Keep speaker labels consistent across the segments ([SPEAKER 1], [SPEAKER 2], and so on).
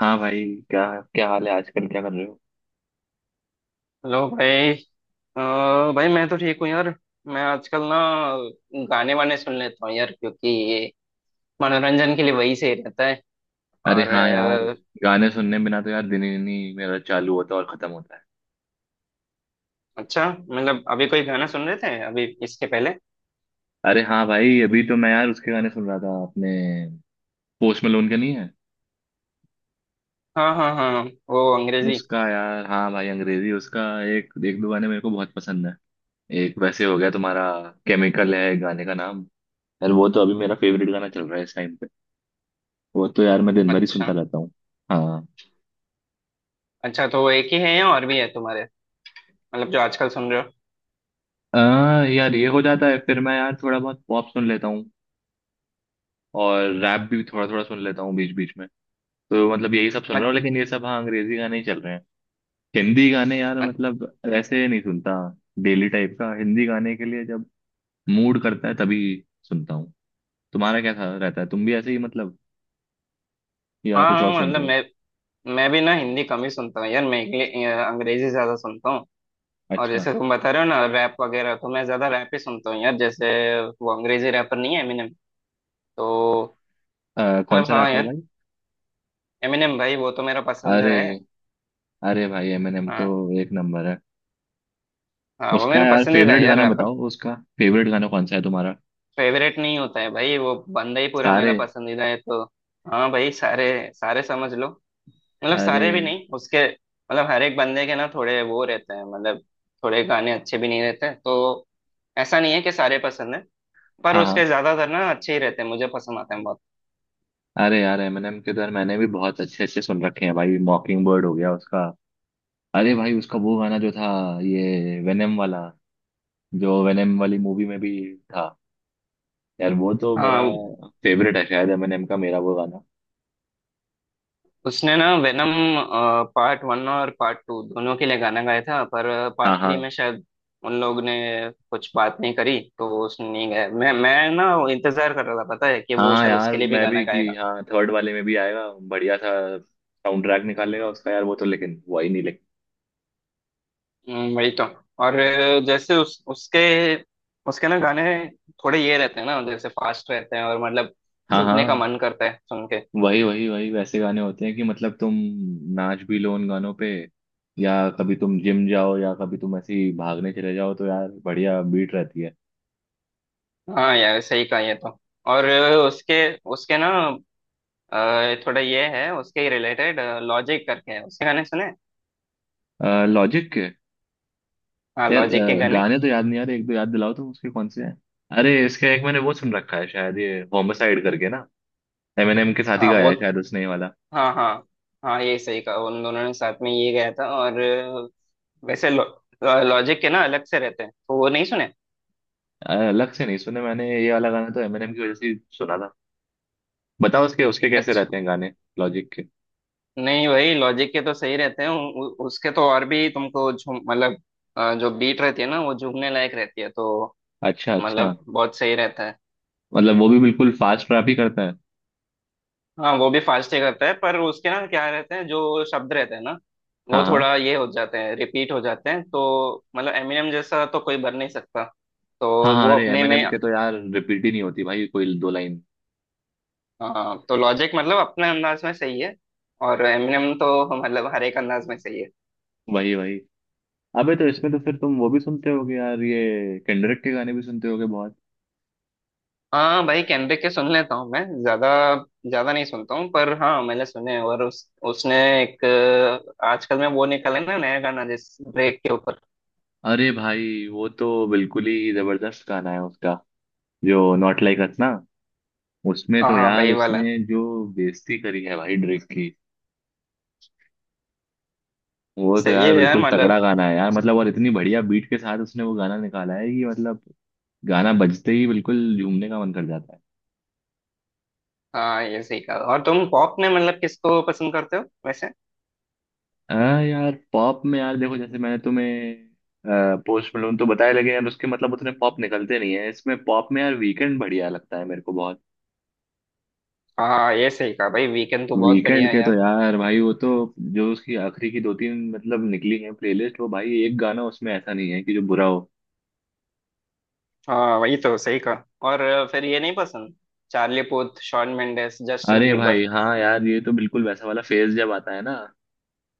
[SPEAKER 1] हाँ भाई। क्या क्या हाल है आजकल क्या कर रहे हो?
[SPEAKER 2] हेलो भाई। अ, भाई मैं तो ठीक हूँ यार। मैं आजकल ना गाने वाने सुन लेता हूँ यार, क्योंकि ये मनोरंजन के लिए वही सही रहता है।
[SPEAKER 1] अरे
[SPEAKER 2] और
[SPEAKER 1] हाँ यार, गाने सुनने बिना तो यार दिन ही नहीं मेरा चालू होता और खत्म होता है
[SPEAKER 2] अच्छा मतलब अभी कोई गाना
[SPEAKER 1] भाई।
[SPEAKER 2] सुन रहे थे अभी इसके पहले?
[SPEAKER 1] अरे हाँ भाई, अभी तो मैं यार उसके गाने सुन रहा था अपने, पोस्ट मलोन के नहीं है
[SPEAKER 2] हाँ हाँ हाँ, वो अंग्रेजी।
[SPEAKER 1] उसका यार। हाँ भाई, अंग्रेजी उसका एक एक दो गाने मेरे को बहुत पसंद है। एक वैसे हो गया तुम्हारा, केमिकल है गाने का नाम। यार वो तो अभी मेरा फेवरेट गाना चल रहा है इस टाइम पे। वो तो यार मैं दिन भर ही सुनता
[SPEAKER 2] अच्छा,
[SPEAKER 1] रहता हूँ। हाँ।
[SPEAKER 2] अच्छा तो वो एक ही है या और भी है तुम्हारे, मतलब जो आजकल सुन रहे हो?
[SPEAKER 1] यार ये हो जाता है, फिर मैं यार थोड़ा बहुत पॉप सुन लेता हूँ, और रैप भी थोड़ा थोड़ा सुन लेता हूँ बीच बीच में। तो मतलब यही सब सुन रहा
[SPEAKER 2] अच-
[SPEAKER 1] हूँ, लेकिन ये सब हाँ अंग्रेजी गाने ही चल रहे हैं। हिंदी गाने यार
[SPEAKER 2] अच-
[SPEAKER 1] मतलब ऐसे नहीं सुनता, डेली टाइप का। हिंदी गाने के लिए जब मूड करता है तभी सुनता हूँ। तुम्हारा क्या था, रहता है तुम भी ऐसे ही मतलब, या
[SPEAKER 2] हाँ
[SPEAKER 1] कुछ और
[SPEAKER 2] हाँ,
[SPEAKER 1] सुनते
[SPEAKER 2] मतलब
[SPEAKER 1] हो?
[SPEAKER 2] मैं भी ना हिंदी कम ही सुनता हूँ यार। मैं अंग्रेजी ज्यादा सुनता हूँ। और
[SPEAKER 1] अच्छा,
[SPEAKER 2] जैसे तुम बता रहे हो ना, रैप वगैरह, तो मैं ज्यादा रैप ही सुनता हूँ यार। जैसे वो अंग्रेजी रैपर नहीं है एमिनेम, तो
[SPEAKER 1] कौन
[SPEAKER 2] मतलब
[SPEAKER 1] सा
[SPEAKER 2] हाँ
[SPEAKER 1] रैपर
[SPEAKER 2] यार,
[SPEAKER 1] भाई?
[SPEAKER 2] एमिनेम भाई वो तो मेरा पसंदीदा
[SPEAKER 1] अरे,
[SPEAKER 2] है।
[SPEAKER 1] अरे भाई एमिनेम तो
[SPEAKER 2] हाँ।
[SPEAKER 1] एक नंबर है।
[SPEAKER 2] हाँ वो
[SPEAKER 1] उसका
[SPEAKER 2] मेरा
[SPEAKER 1] यार
[SPEAKER 2] पसंदीदा है
[SPEAKER 1] फेवरेट
[SPEAKER 2] यार
[SPEAKER 1] गाना
[SPEAKER 2] रैपर।
[SPEAKER 1] बताओ, उसका फेवरेट गाना कौन सा है तुम्हारा?
[SPEAKER 2] फेवरेट नहीं होता है भाई, वो बंदा ही पूरा
[SPEAKER 1] सारे?
[SPEAKER 2] मेरा पसंदीदा है तो। हाँ भाई सारे, सारे समझ लो। मतलब
[SPEAKER 1] अरे
[SPEAKER 2] सारे भी नहीं उसके, मतलब हर एक बंदे के ना थोड़े वो रहते हैं मतलब थोड़े गाने अच्छे भी नहीं रहते तो। ऐसा नहीं है कि सारे पसंद है। पर
[SPEAKER 1] हाँ हाँ।
[SPEAKER 2] उसके ज्यादातर ना अच्छे ही रहते हैं, मुझे पसंद आते हैं बहुत।
[SPEAKER 1] अरे यार एमएनएम के तो यार मैंने भी बहुत अच्छे अच्छे सुन रखे हैं भाई, मॉकिंग बर्ड हो गया उसका। अरे भाई उसका वो गाना जो था, ये वेनम वाला, जो वेनम वाली मूवी में भी था, यार वो तो मेरा
[SPEAKER 2] हाँ।
[SPEAKER 1] फेवरेट है शायद, एमएनएम का मेरा वो गाना।
[SPEAKER 2] उसने ना वेनम पार्ट वन और पार्ट टू दोनों के लिए गाना गाया था, पर
[SPEAKER 1] हाँ
[SPEAKER 2] पार्ट थ्री
[SPEAKER 1] हाँ
[SPEAKER 2] में शायद उन लोग ने कुछ बात नहीं करी तो उसने नहीं गाया। मैं ना वो इंतजार कर रहा था, पता है कि वो
[SPEAKER 1] हाँ
[SPEAKER 2] शायद
[SPEAKER 1] यार
[SPEAKER 2] उसके लिए भी
[SPEAKER 1] मैं
[SPEAKER 2] गाना
[SPEAKER 1] भी कि
[SPEAKER 2] गाएगा।
[SPEAKER 1] हाँ थर्ड वाले में भी आएगा बढ़िया सा साउंड ट्रैक निकालेगा उसका यार। वो तो लेकिन, वो ही नहीं लेकिन।
[SPEAKER 2] वही तो। और जैसे उस उसके उसके ना गाने थोड़े ये रहते हैं ना, जैसे फास्ट रहते हैं और मतलब
[SPEAKER 1] हाँ
[SPEAKER 2] झूमने का
[SPEAKER 1] हाँ
[SPEAKER 2] मन करता है सुन के।
[SPEAKER 1] वही वही वही वैसे गाने होते हैं कि मतलब तुम नाच भी लो उन गानों पे, या कभी तुम जिम जाओ, या कभी तुम ऐसे ही भागने चले जाओ तो यार बढ़िया बीट रहती है।
[SPEAKER 2] हाँ यार सही कहा ये तो। और उसके उसके ना थोड़ा ये है, उसके रिलेटेड लॉजिक करके है, उसके गाने सुने?
[SPEAKER 1] लॉजिक के
[SPEAKER 2] हाँ
[SPEAKER 1] यार,
[SPEAKER 2] लॉजिक के गाने।
[SPEAKER 1] गाने तो याद नहीं आ रहे, एक दो याद दिलाओ तुम उसके कौन से हैं। अरे इसका एक मैंने वो सुन रखा है शायद, ये होमसाइड करके ना, एमिनेम के साथ ही
[SPEAKER 2] हाँ
[SPEAKER 1] गाया
[SPEAKER 2] वो।
[SPEAKER 1] है शायद उसने ये वाला।
[SPEAKER 2] हाँ हाँ। हाँ ये सही कहा, उन दोनों ने साथ में ये गाया था। और वैसे लॉजिक के ना अलग से रहते हैं तो वो नहीं सुने।
[SPEAKER 1] अलग से नहीं सुने मैंने, ये वाला गाना तो एमिनेम की वजह से ही सुना था। बताओ उसके उसके कैसे
[SPEAKER 2] अच्छा।
[SPEAKER 1] रहते हैं गाने, लॉजिक के।
[SPEAKER 2] नहीं वही लॉजिक के तो सही रहते हैं, उ, उ, उसके तो और भी तुमको झूम मतलब जो बीट रहती है ना, वो झूमने लायक रहती है तो
[SPEAKER 1] अच्छा अच्छा।
[SPEAKER 2] मतलब बहुत सही रहता है।
[SPEAKER 1] मतलब वो भी बिल्कुल फास्ट रैप ही करता है?
[SPEAKER 2] हाँ वो भी फास्ट ही करता है, पर उसके ना क्या रहते हैं, जो शब्द रहते हैं ना
[SPEAKER 1] हाँ
[SPEAKER 2] वो
[SPEAKER 1] हाँ।
[SPEAKER 2] थोड़ा ये हो जाते हैं, रिपीट हो जाते हैं। तो मतलब एमिनेम जैसा तो कोई बन नहीं सकता
[SPEAKER 1] हाँ
[SPEAKER 2] तो।
[SPEAKER 1] हाँ,
[SPEAKER 2] वो
[SPEAKER 1] अरे
[SPEAKER 2] अपने में,
[SPEAKER 1] एमएनएम के तो यार रिपीट ही नहीं होती भाई कोई दो लाइन।
[SPEAKER 2] हाँ तो लॉजिक मतलब अपने अंदाज में सही है, और एमिनेम तो मतलब हर एक अंदाज में सही है।
[SPEAKER 1] वही वही। अबे तो इसमें तो फिर तुम वो भी सुनते होगे यार, ये केंड्रिक के गाने भी सुनते होगे बहुत।
[SPEAKER 2] हाँ भाई केंड्रिक के सुन लेता हूँ मैं। ज्यादा ज्यादा नहीं सुनता हूँ, पर हाँ मैंने सुने हैं। और उस उसने एक आजकल में वो निकाला है ना नया गाना, जिस ब्रेक के ऊपर।
[SPEAKER 1] अरे भाई वो तो बिल्कुल ही जबरदस्त गाना है उसका, जो नॉट लाइक अस ना, उसमें
[SPEAKER 2] हाँ
[SPEAKER 1] तो
[SPEAKER 2] हाँ
[SPEAKER 1] यार
[SPEAKER 2] वही वाला।
[SPEAKER 1] उसने जो बेइज्जती करी है भाई ड्रेक की, वो तो
[SPEAKER 2] सही है
[SPEAKER 1] यार
[SPEAKER 2] यार
[SPEAKER 1] बिल्कुल तगड़ा
[SPEAKER 2] मतलब।
[SPEAKER 1] गाना है यार मतलब। और इतनी बढ़िया बीट के साथ उसने वो गाना निकाला है कि मतलब गाना बजते ही बिल्कुल झूमने का मन कर जाता है।
[SPEAKER 2] हाँ ये सही कहा। और तुम पॉप में मतलब किसको पसंद करते हो वैसे?
[SPEAKER 1] हाँ यार पॉप में, यार देखो जैसे मैंने तुम्हें पोस्ट मलोन तो बताया लगे यार, उसके मतलब उतने पॉप निकलते नहीं है। इसमें पॉप में यार वीकेंड बढ़िया लगता है मेरे को बहुत।
[SPEAKER 2] हाँ ये सही कहा भाई, वीकेंड तो बहुत बढ़िया
[SPEAKER 1] वीकेंड
[SPEAKER 2] है
[SPEAKER 1] के तो
[SPEAKER 2] यार।
[SPEAKER 1] यार भाई वो तो, जो उसकी आखिरी की दो तीन मतलब निकली है प्लेलिस्ट, वो भाई एक गाना उसमें ऐसा नहीं है कि जो बुरा हो।
[SPEAKER 2] हाँ वही तो सही कहा। और फिर ये नहीं पसंद, Charlie Puth, Shawn Mendes, Justin
[SPEAKER 1] अरे भाई
[SPEAKER 2] बीबर?
[SPEAKER 1] हाँ यार, ये तो बिल्कुल वैसा वाला फेज जब आता है ना,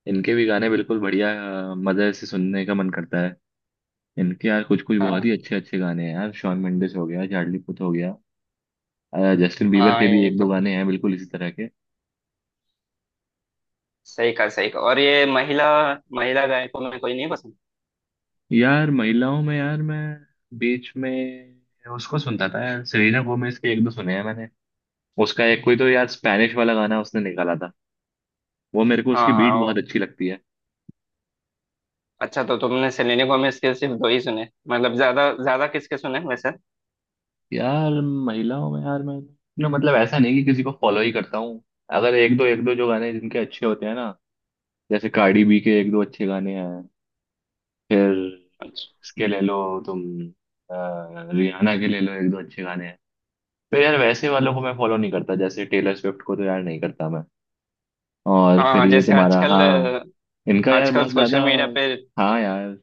[SPEAKER 1] इनके भी गाने बिल्कुल बढ़िया मजे से सुनने का मन करता है। इनके यार कुछ कुछ बहुत ही
[SPEAKER 2] हाँ।
[SPEAKER 1] अच्छे अच्छे गाने हैं यार, शॉन मेंडिस हो गया, चार्ली पुथ हो गया, जस्टिन बीबर
[SPEAKER 2] हाँ
[SPEAKER 1] के भी
[SPEAKER 2] ये
[SPEAKER 1] एक
[SPEAKER 2] तो
[SPEAKER 1] दो गाने हैं बिल्कुल इसी तरह के।
[SPEAKER 2] सही कहा, सही कहा। और ये महिला महिला गायकों में कोई नहीं पसंद?
[SPEAKER 1] यार महिलाओं में यार मैं बीच में उसको सुनता था यार, सेलेना गोमेज के एक दो सुने हैं मैंने। उसका एक कोई तो यार स्पैनिश वाला गाना उसने निकाला था, वो मेरे को
[SPEAKER 2] हाँ
[SPEAKER 1] उसकी बीट
[SPEAKER 2] हाँ
[SPEAKER 1] बहुत
[SPEAKER 2] वो।
[SPEAKER 1] अच्छी लगती है।
[SPEAKER 2] अच्छा तो तुमने सेलेना गोमेज के सिर्फ दो ही सुने, मतलब ज्यादा ज्यादा किसके सुने वैसे?
[SPEAKER 1] यार महिलाओं में यार मैं ना मतलब ऐसा नहीं कि किसी को फॉलो ही करता हूँ, अगर एक दो एक दो जो गाने जिनके अच्छे होते हैं ना, जैसे कार्डी बी के एक दो अच्छे गाने हैं, फिर
[SPEAKER 2] अच्छा।
[SPEAKER 1] इसके ले लो तुम, रियाना के ले लो एक दो अच्छे गाने हैं। फिर यार वैसे वालों को मैं फॉलो नहीं करता, जैसे टेलर स्विफ्ट को तो यार नहीं करता मैं। और
[SPEAKER 2] हाँ
[SPEAKER 1] फिर
[SPEAKER 2] हाँ,
[SPEAKER 1] ये
[SPEAKER 2] जैसे
[SPEAKER 1] तुम्हारा
[SPEAKER 2] आजकल
[SPEAKER 1] हाँ, इनका यार
[SPEAKER 2] आजकल
[SPEAKER 1] बहुत
[SPEAKER 2] सोशल
[SPEAKER 1] ज्यादा।
[SPEAKER 2] मीडिया पे
[SPEAKER 1] हाँ यार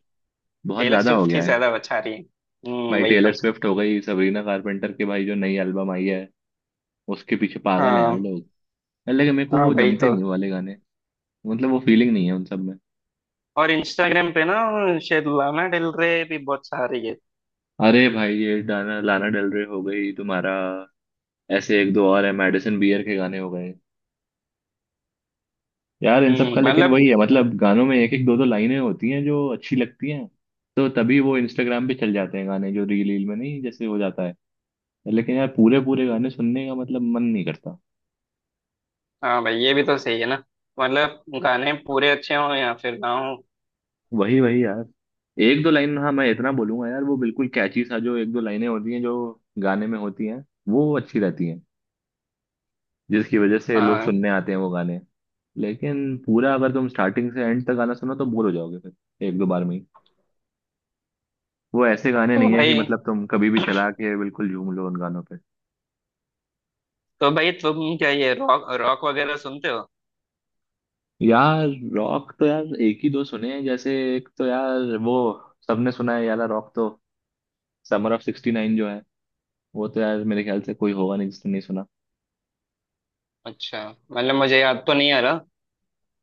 [SPEAKER 1] बहुत
[SPEAKER 2] टेलर
[SPEAKER 1] ज्यादा हो
[SPEAKER 2] स्विफ्ट ही
[SPEAKER 1] गया है।
[SPEAKER 2] ज्यादा बचा रही है।
[SPEAKER 1] भाई
[SPEAKER 2] वही तो।
[SPEAKER 1] टेलर स्विफ्ट हो गई, सबरीना कारपेंटर के भाई जो नई एल्बम आई है, उसके पीछे पागल है यार
[SPEAKER 2] हाँ
[SPEAKER 1] लोग। यार, लेकिन मेरे को
[SPEAKER 2] हाँ
[SPEAKER 1] वो
[SPEAKER 2] वही
[SPEAKER 1] जमते
[SPEAKER 2] तो।
[SPEAKER 1] नहीं, वो वाले गाने, मतलब वो फीलिंग नहीं है उन सब में।
[SPEAKER 2] और इंस्टाग्राम पे ना शायद लाना डेल रे भी बहुत सारी है।
[SPEAKER 1] अरे भाई ये डाना, लाना डेल रे हो गई तुम्हारा, ऐसे एक दो और है, मेडिसिन बियर के गाने हो गए, यार इन सब का। लेकिन
[SPEAKER 2] मतलब।
[SPEAKER 1] वही है मतलब, गानों में एक एक दो दो लाइनें होती हैं जो अच्छी लगती हैं, तो तभी वो इंस्टाग्राम पे चल जाते हैं गाने, जो रील रील में नहीं जैसे हो जाता है। लेकिन यार पूरे पूरे गाने सुनने का मतलब मन नहीं करता।
[SPEAKER 2] हाँ भाई ये भी तो सही है ना, मतलब गाने पूरे अच्छे हों या फिर ना हों।
[SPEAKER 1] वही वही यार, एक दो लाइन हाँ मैं इतना बोलूंगा यार, वो बिल्कुल कैची सा जो एक दो लाइनें होती हैं जो गाने में होती हैं वो अच्छी रहती हैं, जिसकी वजह से लोग
[SPEAKER 2] हाँ,
[SPEAKER 1] सुनने आते हैं वो गाने। लेकिन पूरा अगर तुम स्टार्टिंग से एंड तक गाना सुनो तो बोर हो जाओगे फिर एक दो बार में ही। वो ऐसे गाने
[SPEAKER 2] तो
[SPEAKER 1] नहीं है कि
[SPEAKER 2] भाई,
[SPEAKER 1] मतलब तुम कभी भी चला के बिल्कुल झूम लो उन गानों पे।
[SPEAKER 2] तो भाई तुम क्या ये रॉक रॉक वगैरह सुनते हो?
[SPEAKER 1] यार रॉक तो यार एक ही दो सुने हैं, जैसे एक तो यार वो सबने सुना है यार रॉक तो, समर ऑफ 69 जो है, वो तो यार मेरे ख्याल से कोई होगा नहीं जिसने नहीं सुना।
[SPEAKER 2] अच्छा। मतलब मुझे याद तो नहीं आ रहा।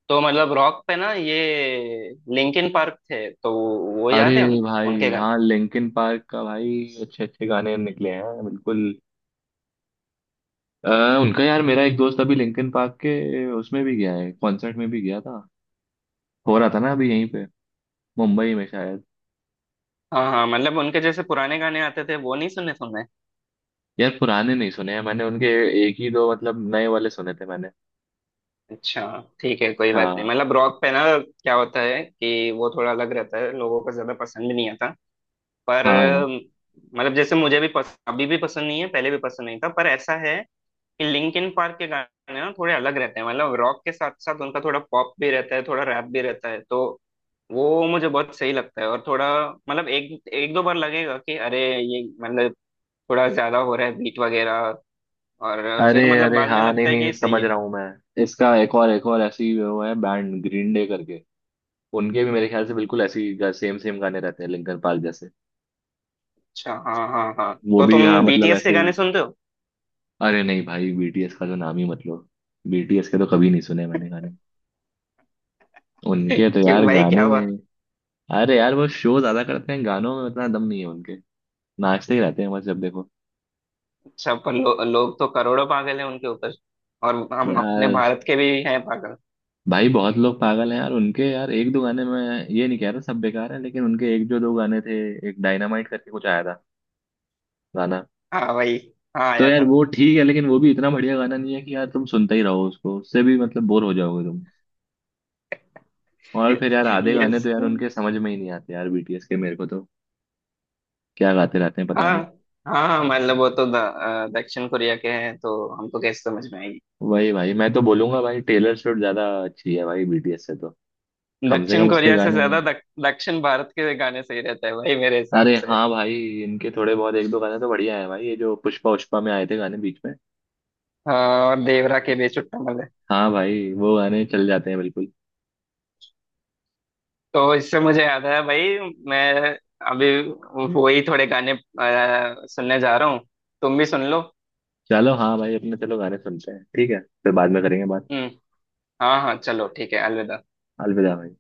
[SPEAKER 2] तो मतलब रॉक पे ना ये लिंकिन पार्क थे तो वो
[SPEAKER 1] अरे
[SPEAKER 2] याद है
[SPEAKER 1] भाई
[SPEAKER 2] उनके
[SPEAKER 1] हाँ,
[SPEAKER 2] गाने।
[SPEAKER 1] लिंकिन पार्क का भाई अच्छे अच्छे गाने निकले हैं बिल्कुल। अ, उनका यार मेरा एक दोस्त अभी लिंकिन पार्क के उसमें भी गया है, कॉन्सर्ट में भी गया था, हो रहा था ना अभी यहीं पे, मुंबई में शायद।
[SPEAKER 2] हाँ हाँ, मतलब उनके जैसे पुराने गाने आते थे वो नहीं सुने तुमने?
[SPEAKER 1] यार पुराने नहीं सुने हैं मैंने उनके, एक ही दो मतलब नए वाले सुने थे मैंने।
[SPEAKER 2] अच्छा। ठीक है कोई बात नहीं,
[SPEAKER 1] हाँ
[SPEAKER 2] मतलब रॉक पे ना क्या होता है कि वो थोड़ा अलग रहता है, लोगों को ज्यादा पसंद भी नहीं आता। पर
[SPEAKER 1] हाँ।
[SPEAKER 2] मतलब जैसे मुझे भी अभी भी पसंद नहीं है, पहले भी पसंद नहीं था, पर ऐसा है लिंकिन पार्क के गाने ना थोड़े अलग रहते हैं। मतलब रॉक के साथ साथ उनका थोड़ा पॉप भी रहता है, थोड़ा रैप भी रहता है, तो वो मुझे बहुत सही लगता है। और थोड़ा मतलब एक एक दो बार लगेगा कि अरे ये मतलब थोड़ा ज्यादा हो रहा है बीट वगैरह, और
[SPEAKER 1] अरे
[SPEAKER 2] फिर मतलब
[SPEAKER 1] अरे
[SPEAKER 2] बाद में
[SPEAKER 1] हाँ, नहीं
[SPEAKER 2] लगता है
[SPEAKER 1] नहीं
[SPEAKER 2] कि सही
[SPEAKER 1] समझ
[SPEAKER 2] है।
[SPEAKER 1] रहा हूँ मैं, इसका एक और ऐसी वो है, बैंड ग्रीन डे करके। उनके भी मेरे ख्याल से बिल्कुल ऐसी सेम सेम गाने रहते हैं लिंकन पार्क जैसे।
[SPEAKER 2] अच्छा हाँ हाँ हाँ,
[SPEAKER 1] वो
[SPEAKER 2] तो तुम
[SPEAKER 1] भी हाँ मतलब
[SPEAKER 2] बीटीएस के
[SPEAKER 1] ऐसे
[SPEAKER 2] गाने
[SPEAKER 1] ही।
[SPEAKER 2] सुनते हो?
[SPEAKER 1] अरे नहीं भाई, बीटीएस का तो नाम ही मत लो, बीटीएस के तो कभी नहीं सुने मैंने गाने, उनके तो
[SPEAKER 2] क्यों
[SPEAKER 1] यार
[SPEAKER 2] भाई क्या
[SPEAKER 1] गाने,
[SPEAKER 2] हुआ?
[SPEAKER 1] अरे यार वो शो ज्यादा करते हैं, गानों में उतना दम नहीं है उनके, नाचते ही रहते हैं बस जब देखो।
[SPEAKER 2] अच्छा पर लोग तो करोड़ों पागल हैं उनके ऊपर, और हम अपने
[SPEAKER 1] यार
[SPEAKER 2] भारत के भी हैं पागल।
[SPEAKER 1] भाई बहुत लोग पागल हैं यार उनके, यार एक दो गाने में ये नहीं कह रहा सब बेकार है, लेकिन उनके एक जो दो गाने थे, एक डायनामाइट करके कुछ आया था गाना,
[SPEAKER 2] हाँ भाई। हाँ
[SPEAKER 1] तो
[SPEAKER 2] आया
[SPEAKER 1] यार
[SPEAKER 2] था।
[SPEAKER 1] वो ठीक है, लेकिन वो भी इतना बढ़िया गाना नहीं है कि यार तुम सुनते ही रहो उसको, उससे भी मतलब बोर हो जाओगे तुम। और फिर यार आधे गाने
[SPEAKER 2] यस।
[SPEAKER 1] तो यार उनके समझ में ही नहीं आते यार बीटीएस के मेरे को तो, क्या गाते रहते हैं पता
[SPEAKER 2] हाँ
[SPEAKER 1] नहीं।
[SPEAKER 2] हाँ, मतलब वो तो दक्षिण कोरिया के हैं तो हमको कैसे समझ में आएगी।
[SPEAKER 1] वही भाई मैं तो बोलूंगा भाई, टेलर स्विफ्ट ज्यादा अच्छी है भाई बीटीएस से तो, कम से
[SPEAKER 2] दक्षिण
[SPEAKER 1] कम उसके
[SPEAKER 2] कोरिया से
[SPEAKER 1] गाने।
[SPEAKER 2] ज्यादा दक्षिण भारत के गाने सही रहते हैं भाई मेरे हिसाब
[SPEAKER 1] अरे
[SPEAKER 2] से।
[SPEAKER 1] हाँ भाई, इनके थोड़े बहुत एक दो गाने तो बढ़िया है भाई, ये जो पुष्पा उष्पा में आए थे गाने बीच में।
[SPEAKER 2] और देवरा के बेचुट्टा मल्ले।
[SPEAKER 1] हाँ भाई वो गाने चल जाते हैं बिल्कुल।
[SPEAKER 2] तो इससे मुझे याद आया भाई, मैं अभी वो ही थोड़े गाने सुनने जा रहा हूँ, तुम भी सुन लो।
[SPEAKER 1] चलो हाँ भाई, अपने चलो गाने सुनते हैं, ठीक है फिर बाद में करेंगे बात।
[SPEAKER 2] हम्म। हाँ हाँ चलो ठीक है, अलविदा।
[SPEAKER 1] अलविदा भाई।